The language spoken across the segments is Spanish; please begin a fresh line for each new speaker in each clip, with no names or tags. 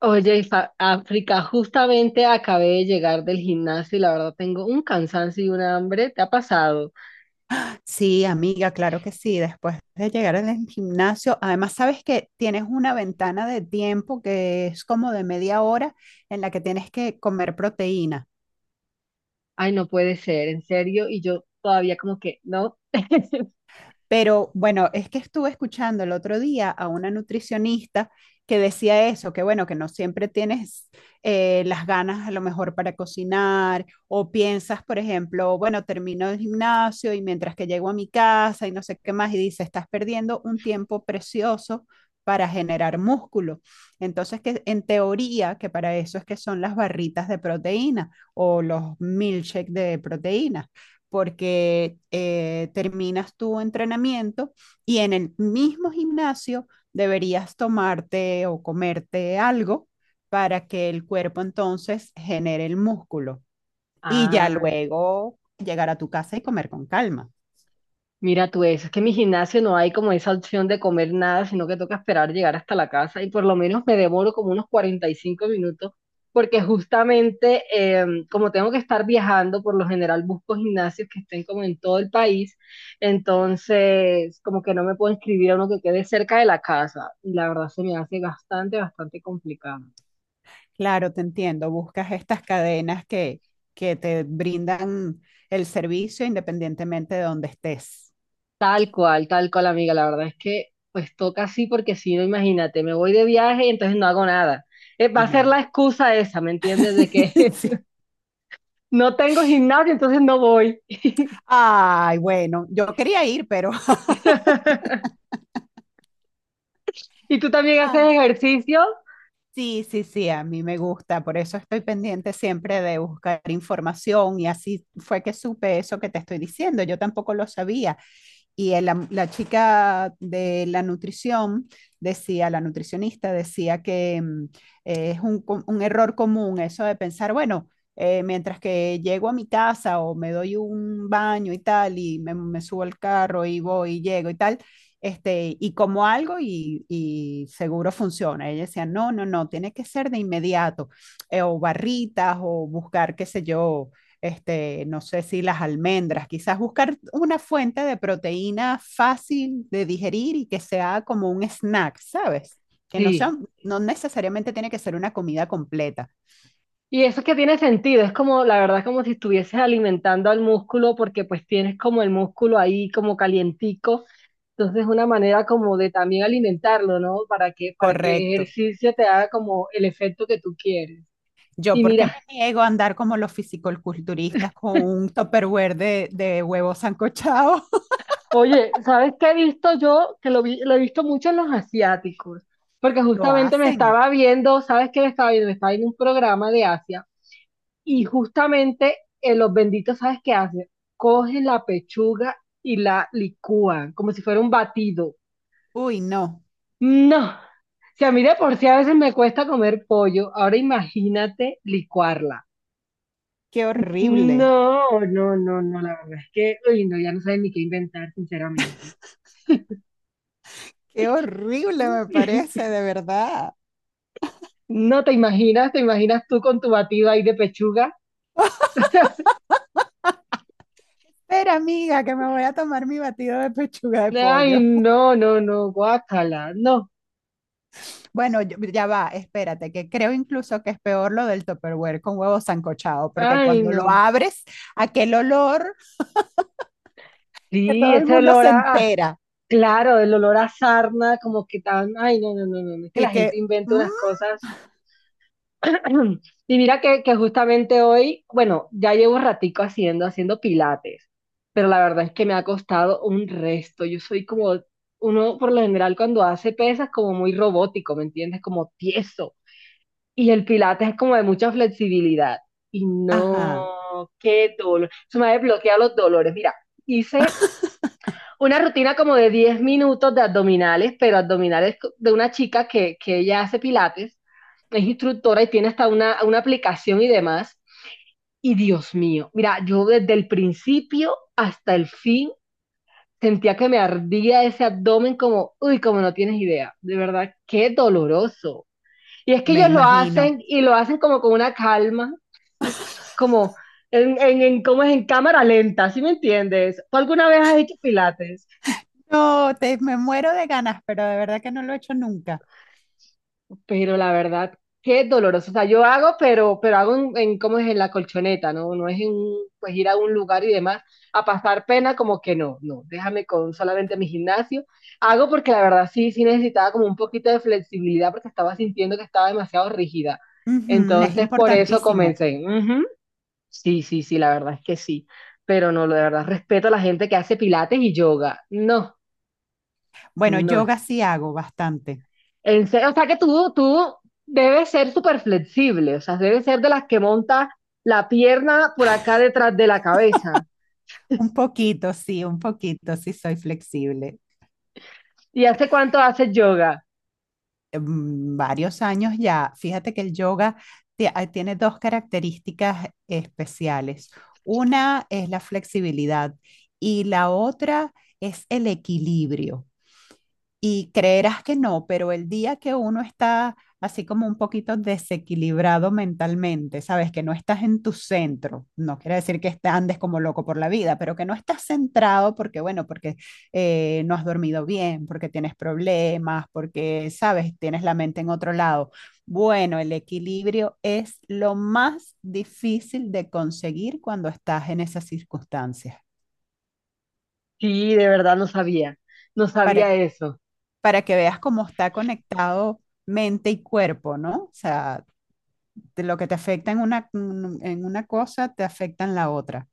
Oye, África, justamente acabé de llegar del gimnasio y la verdad tengo un cansancio y una hambre. ¿Te ha pasado?
Sí, amiga, claro que sí. Después de llegar al gimnasio, además sabes que tienes una ventana de tiempo que es como de media hora en la que tienes que comer proteína.
Ay, no puede ser, en serio. Y yo todavía como que no.
Pero bueno, es que estuve escuchando el otro día a una nutricionista que decía eso, que bueno, que no siempre tienes las ganas a lo mejor para cocinar o piensas, por ejemplo, bueno, termino el gimnasio y mientras que llego a mi casa y no sé qué más y dice, estás perdiendo un tiempo precioso para generar músculo. Entonces, que en teoría, que para eso es que son las barritas de proteína o los milkshakes de proteína porque terminas tu entrenamiento y en el mismo gimnasio deberías tomarte o comerte algo para que el cuerpo entonces genere el músculo y ya
Ah.
luego llegar a tu casa y comer con calma.
Mira tú eso, es que en mi gimnasio no hay como esa opción de comer nada, sino que toca esperar llegar hasta la casa y por lo menos me demoro como unos 45 minutos porque justamente como tengo que estar viajando, por lo general busco gimnasios que estén como en todo el país, entonces como que no me puedo inscribir a uno que quede cerca de la casa y la verdad se me hace bastante, bastante complicado.
Claro, te entiendo, buscas estas cadenas que te brindan el servicio independientemente de donde estés.
Tal cual, amiga. La verdad es que pues toca así porque si no, imagínate, me voy de viaje y entonces no hago nada. Va a ser
No.
la excusa esa, ¿me entiendes? De que
Sí.
no tengo gimnasio, entonces no voy.
Ay, bueno, yo quería ir, pero.
¿Y tú también haces ejercicio?
Sí, sí, sí, a mí me gusta, por eso estoy pendiente siempre de buscar información y así fue que supe eso que te estoy diciendo, yo tampoco lo sabía. Y la chica de la nutrición decía, la nutricionista decía que es un, un error común eso de pensar, bueno, mientras que llego a mi casa o me doy un baño y tal, y me subo al carro y voy y llego y tal este, y como algo y seguro funciona. Ella decía, no, no, no, tiene que ser de inmediato, o barritas, o buscar, qué sé yo, este, no sé si las almendras, quizás buscar una fuente de proteína fácil de digerir y que sea como un snack, ¿sabes? Que no sea,
Sí.
no necesariamente tiene que ser una comida completa.
Y eso que tiene sentido, es como, la verdad, como si estuvieses alimentando al músculo porque pues tienes como el músculo ahí como calientico. Entonces, una manera como de también alimentarlo, ¿no? Para que el
Correcto.
ejercicio te haga como el efecto que tú quieres.
Yo,
Y
¿por qué
mira,
me niego a andar como los fisicoculturistas con un tupperware de huevos sancochados?
oye, ¿sabes qué he visto yo? Que lo he visto mucho en los asiáticos, porque
Lo
justamente me
hacen.
estaba viendo, ¿sabes qué me estaba viendo? Me estaba viendo un programa de Asia y justamente los benditos, ¿sabes qué hacen? Cogen la pechuga y la licúan como si fuera un batido.
Uy, no,
No, si a mí de por sí a veces me cuesta comer pollo, ahora imagínate licuarla.
qué horrible,
No, no, no, no, la verdad es que, uy, no, ya no saben ni qué inventar, sinceramente.
qué horrible me parece, de verdad.
No te imaginas, te imaginas tú con tu batido ahí de pechuga.
Pero amiga, que me voy a tomar mi batido de pechuga de
Ay,
pollo.
no, no, no, guácala, no.
Bueno, ya va, espérate, que creo incluso que es peor lo del Tupperware con huevo sancochado, porque
Ay,
cuando lo
no.
abres, aquel olor que
Sí,
todo el
ese
mundo
olor
se
a,
entera
claro, el olor a sarna, como que tan, ay, no, no, no, no, no, es que la
y
gente
que,
inventa
"Mm,
unas cosas. Y mira que justamente hoy, bueno, ya llevo un ratico haciendo pilates, pero la verdad es que me ha costado un resto. Yo soy como, uno por lo general cuando hace pesas, como muy robótico, ¿me entiendes? Como tieso. Y el pilates es como de mucha flexibilidad. Y
ajá".
no, qué dolor. Se me ha desbloqueado los dolores. Mira, hice una rutina como de 10 minutos de abdominales, pero abdominales de una chica que ella hace pilates, es instructora y tiene hasta una aplicación y demás. Y Dios mío, mira, yo desde el principio hasta el fin sentía que me ardía ese abdomen como, uy, como no tienes idea. De verdad, qué doloroso. Y es que
Me
ellos lo
imagino.
hacen y lo hacen como con una calma. Como en ¿cómo es? En cámara lenta, ¿sí me entiendes? ¿Tú alguna vez has hecho pilates?
No, me muero de ganas, pero de verdad que no lo he hecho nunca.
Pero la verdad, qué doloroso. O sea, yo hago, pero hago en ¿cómo es? En la colchoneta, ¿no? No es en, pues, ir a un lugar y demás a pasar pena, como que no, no, déjame con solamente mi gimnasio. Hago porque la verdad sí, sí necesitaba como un poquito de flexibilidad porque estaba sintiendo que estaba demasiado rígida.
Ujú, es
Entonces, por eso
importantísimo.
comencé. Ujú. Sí, sí, sí, la verdad es que sí. Pero no, la verdad, respeto a la gente que hace pilates y yoga. No,
Bueno,
no.
yoga sí hago bastante.
En serio, o sea que tú debes ser súper flexible, o sea, debes ser de las que monta la pierna por acá detrás de la cabeza.
Un poquito, sí soy flexible.
¿Y hace cuánto haces yoga?
Varios años ya. Fíjate que el yoga tiene dos características especiales. Una es la flexibilidad y la otra es el equilibrio. Y creerás que no, pero el día que uno está así como un poquito desequilibrado mentalmente, sabes que no estás en tu centro, no quiere decir que andes como loco por la vida, pero que no estás centrado porque, bueno, porque no has dormido bien, porque tienes problemas, porque, sabes, tienes la mente en otro lado. Bueno, el equilibrio es lo más difícil de conseguir cuando estás en esas circunstancias.
Sí, de verdad no sabía, no sabía
Para,
eso.
para que veas cómo está conectado mente y cuerpo, ¿no? O sea, de lo que te afecta en una, cosa te afecta en la otra.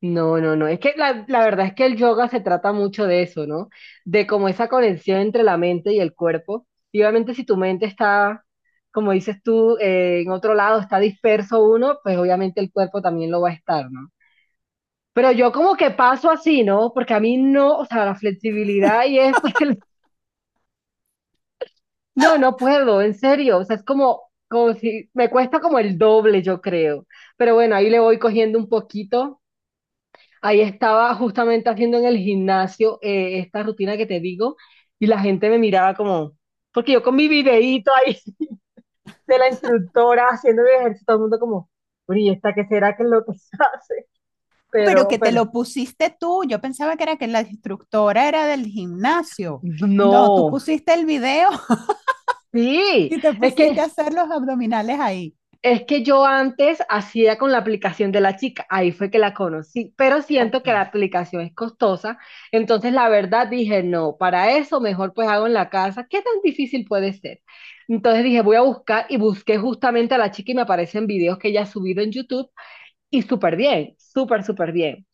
No, no, no. Es que la verdad es que el yoga se trata mucho de eso, ¿no? De como esa conexión entre la mente y el cuerpo. Y obviamente si tu mente está, como dices tú, en otro lado, está disperso uno, pues obviamente el cuerpo también lo va a estar, ¿no? Pero yo como que paso así, ¿no? Porque a mí no, o sea, la flexibilidad y es, pues, no, no puedo, en serio. O sea, es como, como si, me cuesta como el doble, yo creo. Pero bueno, ahí le voy cogiendo un poquito. Ahí estaba justamente haciendo en el gimnasio esta rutina que te digo y la gente me miraba como, porque yo con mi videíto ahí de la instructora haciendo mi ejercicio, todo el mundo como, "Bueno, ¿y esta qué será que es lo que hace?".
Ah, pero que te
Pero,
lo pusiste tú, yo pensaba que era que la instructora era del gimnasio. No, tú
no,
pusiste el video
sí,
y te
es
pusiste
que
a hacer los abdominales ahí.
Es que yo antes hacía con la aplicación de la chica, ahí fue que la conocí, pero siento que la
Ok,
aplicación es costosa, entonces la verdad dije, no, para eso mejor pues hago en la casa, ¿qué tan difícil puede ser? Entonces dije, voy a buscar y busqué justamente a la chica y me aparecen videos que ella ha subido en YouTube y súper bien, súper, súper bien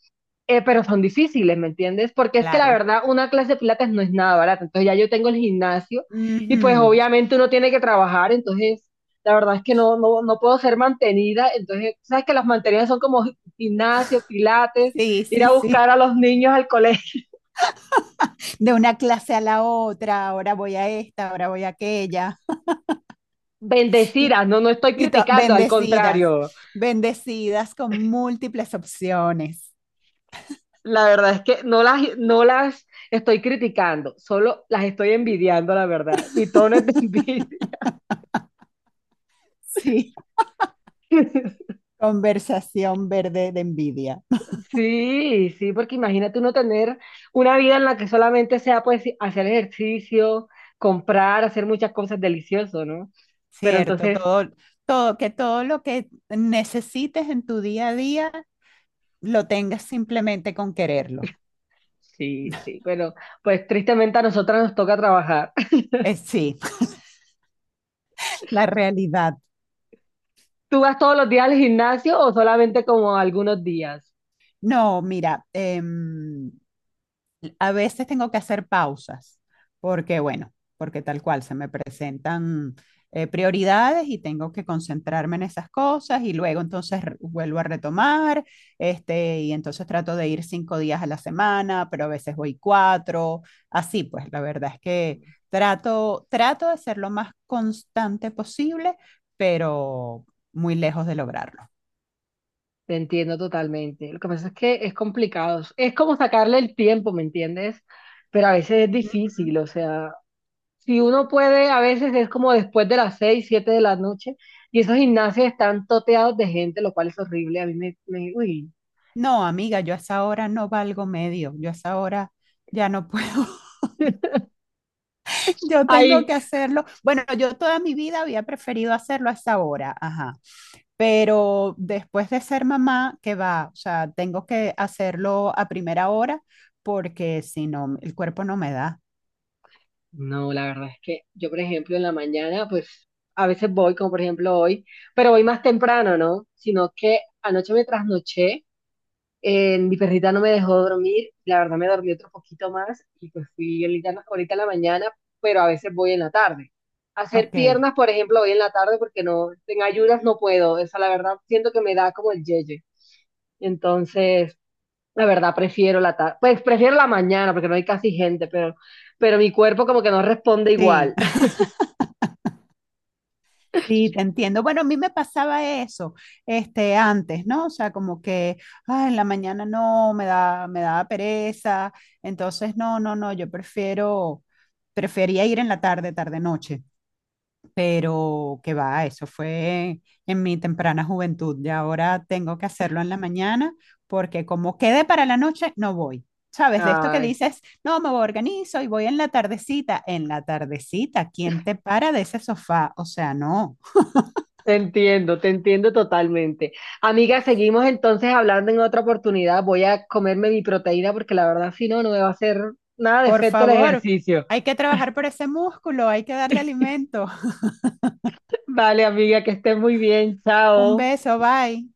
pero son difíciles, ¿me entiendes? Porque es que la
claro.
verdad, una clase de pilates no es nada barata. Entonces ya yo tengo el gimnasio y pues
Ujú.
obviamente uno tiene que trabajar, entonces la verdad es que no, no, no puedo ser mantenida. Entonces, sabes que las mantenidas son como gimnasio, pilates,
Sí,
ir
sí,
a
sí.
buscar a los niños al colegio.
De una clase a la otra, ahora voy a esta, ahora voy a aquella.
Bendecidas, no, no estoy
Y
criticando, al
bendecidas,
contrario.
bendecidas con múltiples opciones.
La verdad es que no las estoy criticando, solo las estoy envidiando, la verdad. Mi tono es de envidia.
Sí. Conversación verde de envidia.
Sí, sí, porque imagínate uno tener una vida en la que solamente sea pues hacer ejercicio, comprar, hacer muchas cosas delicioso, ¿no? Pero
Cierto,
entonces,
todo, todo, que todo lo que necesites en tu día a día lo tengas simplemente con quererlo.
sí, sí, pero pues tristemente a nosotras nos toca trabajar.
Sí, la realidad.
¿Tú vas todos los días al gimnasio o solamente como algunos días?
No, mira, a veces tengo que hacer pausas, porque bueno, porque tal cual se me presentan prioridades y tengo que concentrarme en esas cosas y luego entonces vuelvo a retomar, este, y entonces trato de ir 5 días a la semana, pero a veces voy 4, así pues, la verdad es que trato de ser lo más constante posible, pero muy lejos de lograrlo.
Te entiendo totalmente. Lo que pasa es que es complicado. Es como sacarle el tiempo, ¿me entiendes? Pero a veces es difícil, o sea, si uno puede, a veces es como después de las 6 7 de la noche, y esos gimnasios están toteados de gente, lo cual es horrible. A mí uy.
No, amiga, yo a esa hora no valgo medio, yo a esa hora ya no puedo. Yo tengo
Ay,
que hacerlo. Bueno, yo toda mi vida había preferido hacerlo a esa hora, ajá. Pero después de ser mamá, que va, o sea, tengo que hacerlo a primera hora porque si no, el cuerpo no me da.
no, la verdad es que yo, por ejemplo, en la mañana, pues a veces voy, como por ejemplo hoy, pero voy más temprano, ¿no? Sino que anoche me trasnoché. Mi perrita no me dejó dormir, la verdad me dormí otro poquito más y pues fui ahorita, ahorita en la mañana, pero a veces voy en la tarde. Hacer
Ok,
piernas, por ejemplo, voy en la tarde porque no, en ayudas no puedo, esa la verdad siento que me da como el yeye. Entonces, la verdad prefiero la tarde, pues prefiero la mañana porque no hay casi gente, pero mi cuerpo como que no responde
sí.
igual.
Sí, te entiendo. Bueno, a mí me pasaba eso, este, antes, ¿no? O sea, como que, ah, en la mañana no, me daba pereza. Entonces, no, no, no, yo prefería ir en la tarde, tarde-noche. Pero que va, eso fue en mi temprana juventud y ahora tengo que hacerlo en la mañana porque como quede para la noche, no voy. ¿Sabes? De esto que
Ay.
dices, no, me organizo y voy en la tardecita. En la tardecita, ¿quién te para de ese sofá? O sea, no.
Te entiendo totalmente. Amiga, seguimos entonces hablando en otra oportunidad. Voy a comerme mi proteína porque la verdad, si no, no me va a hacer nada de
Por
efecto el
favor,
ejercicio.
hay que trabajar por ese músculo, hay que darle alimento.
Vale, amiga, que estés muy bien.
Un
Chao.
beso, bye.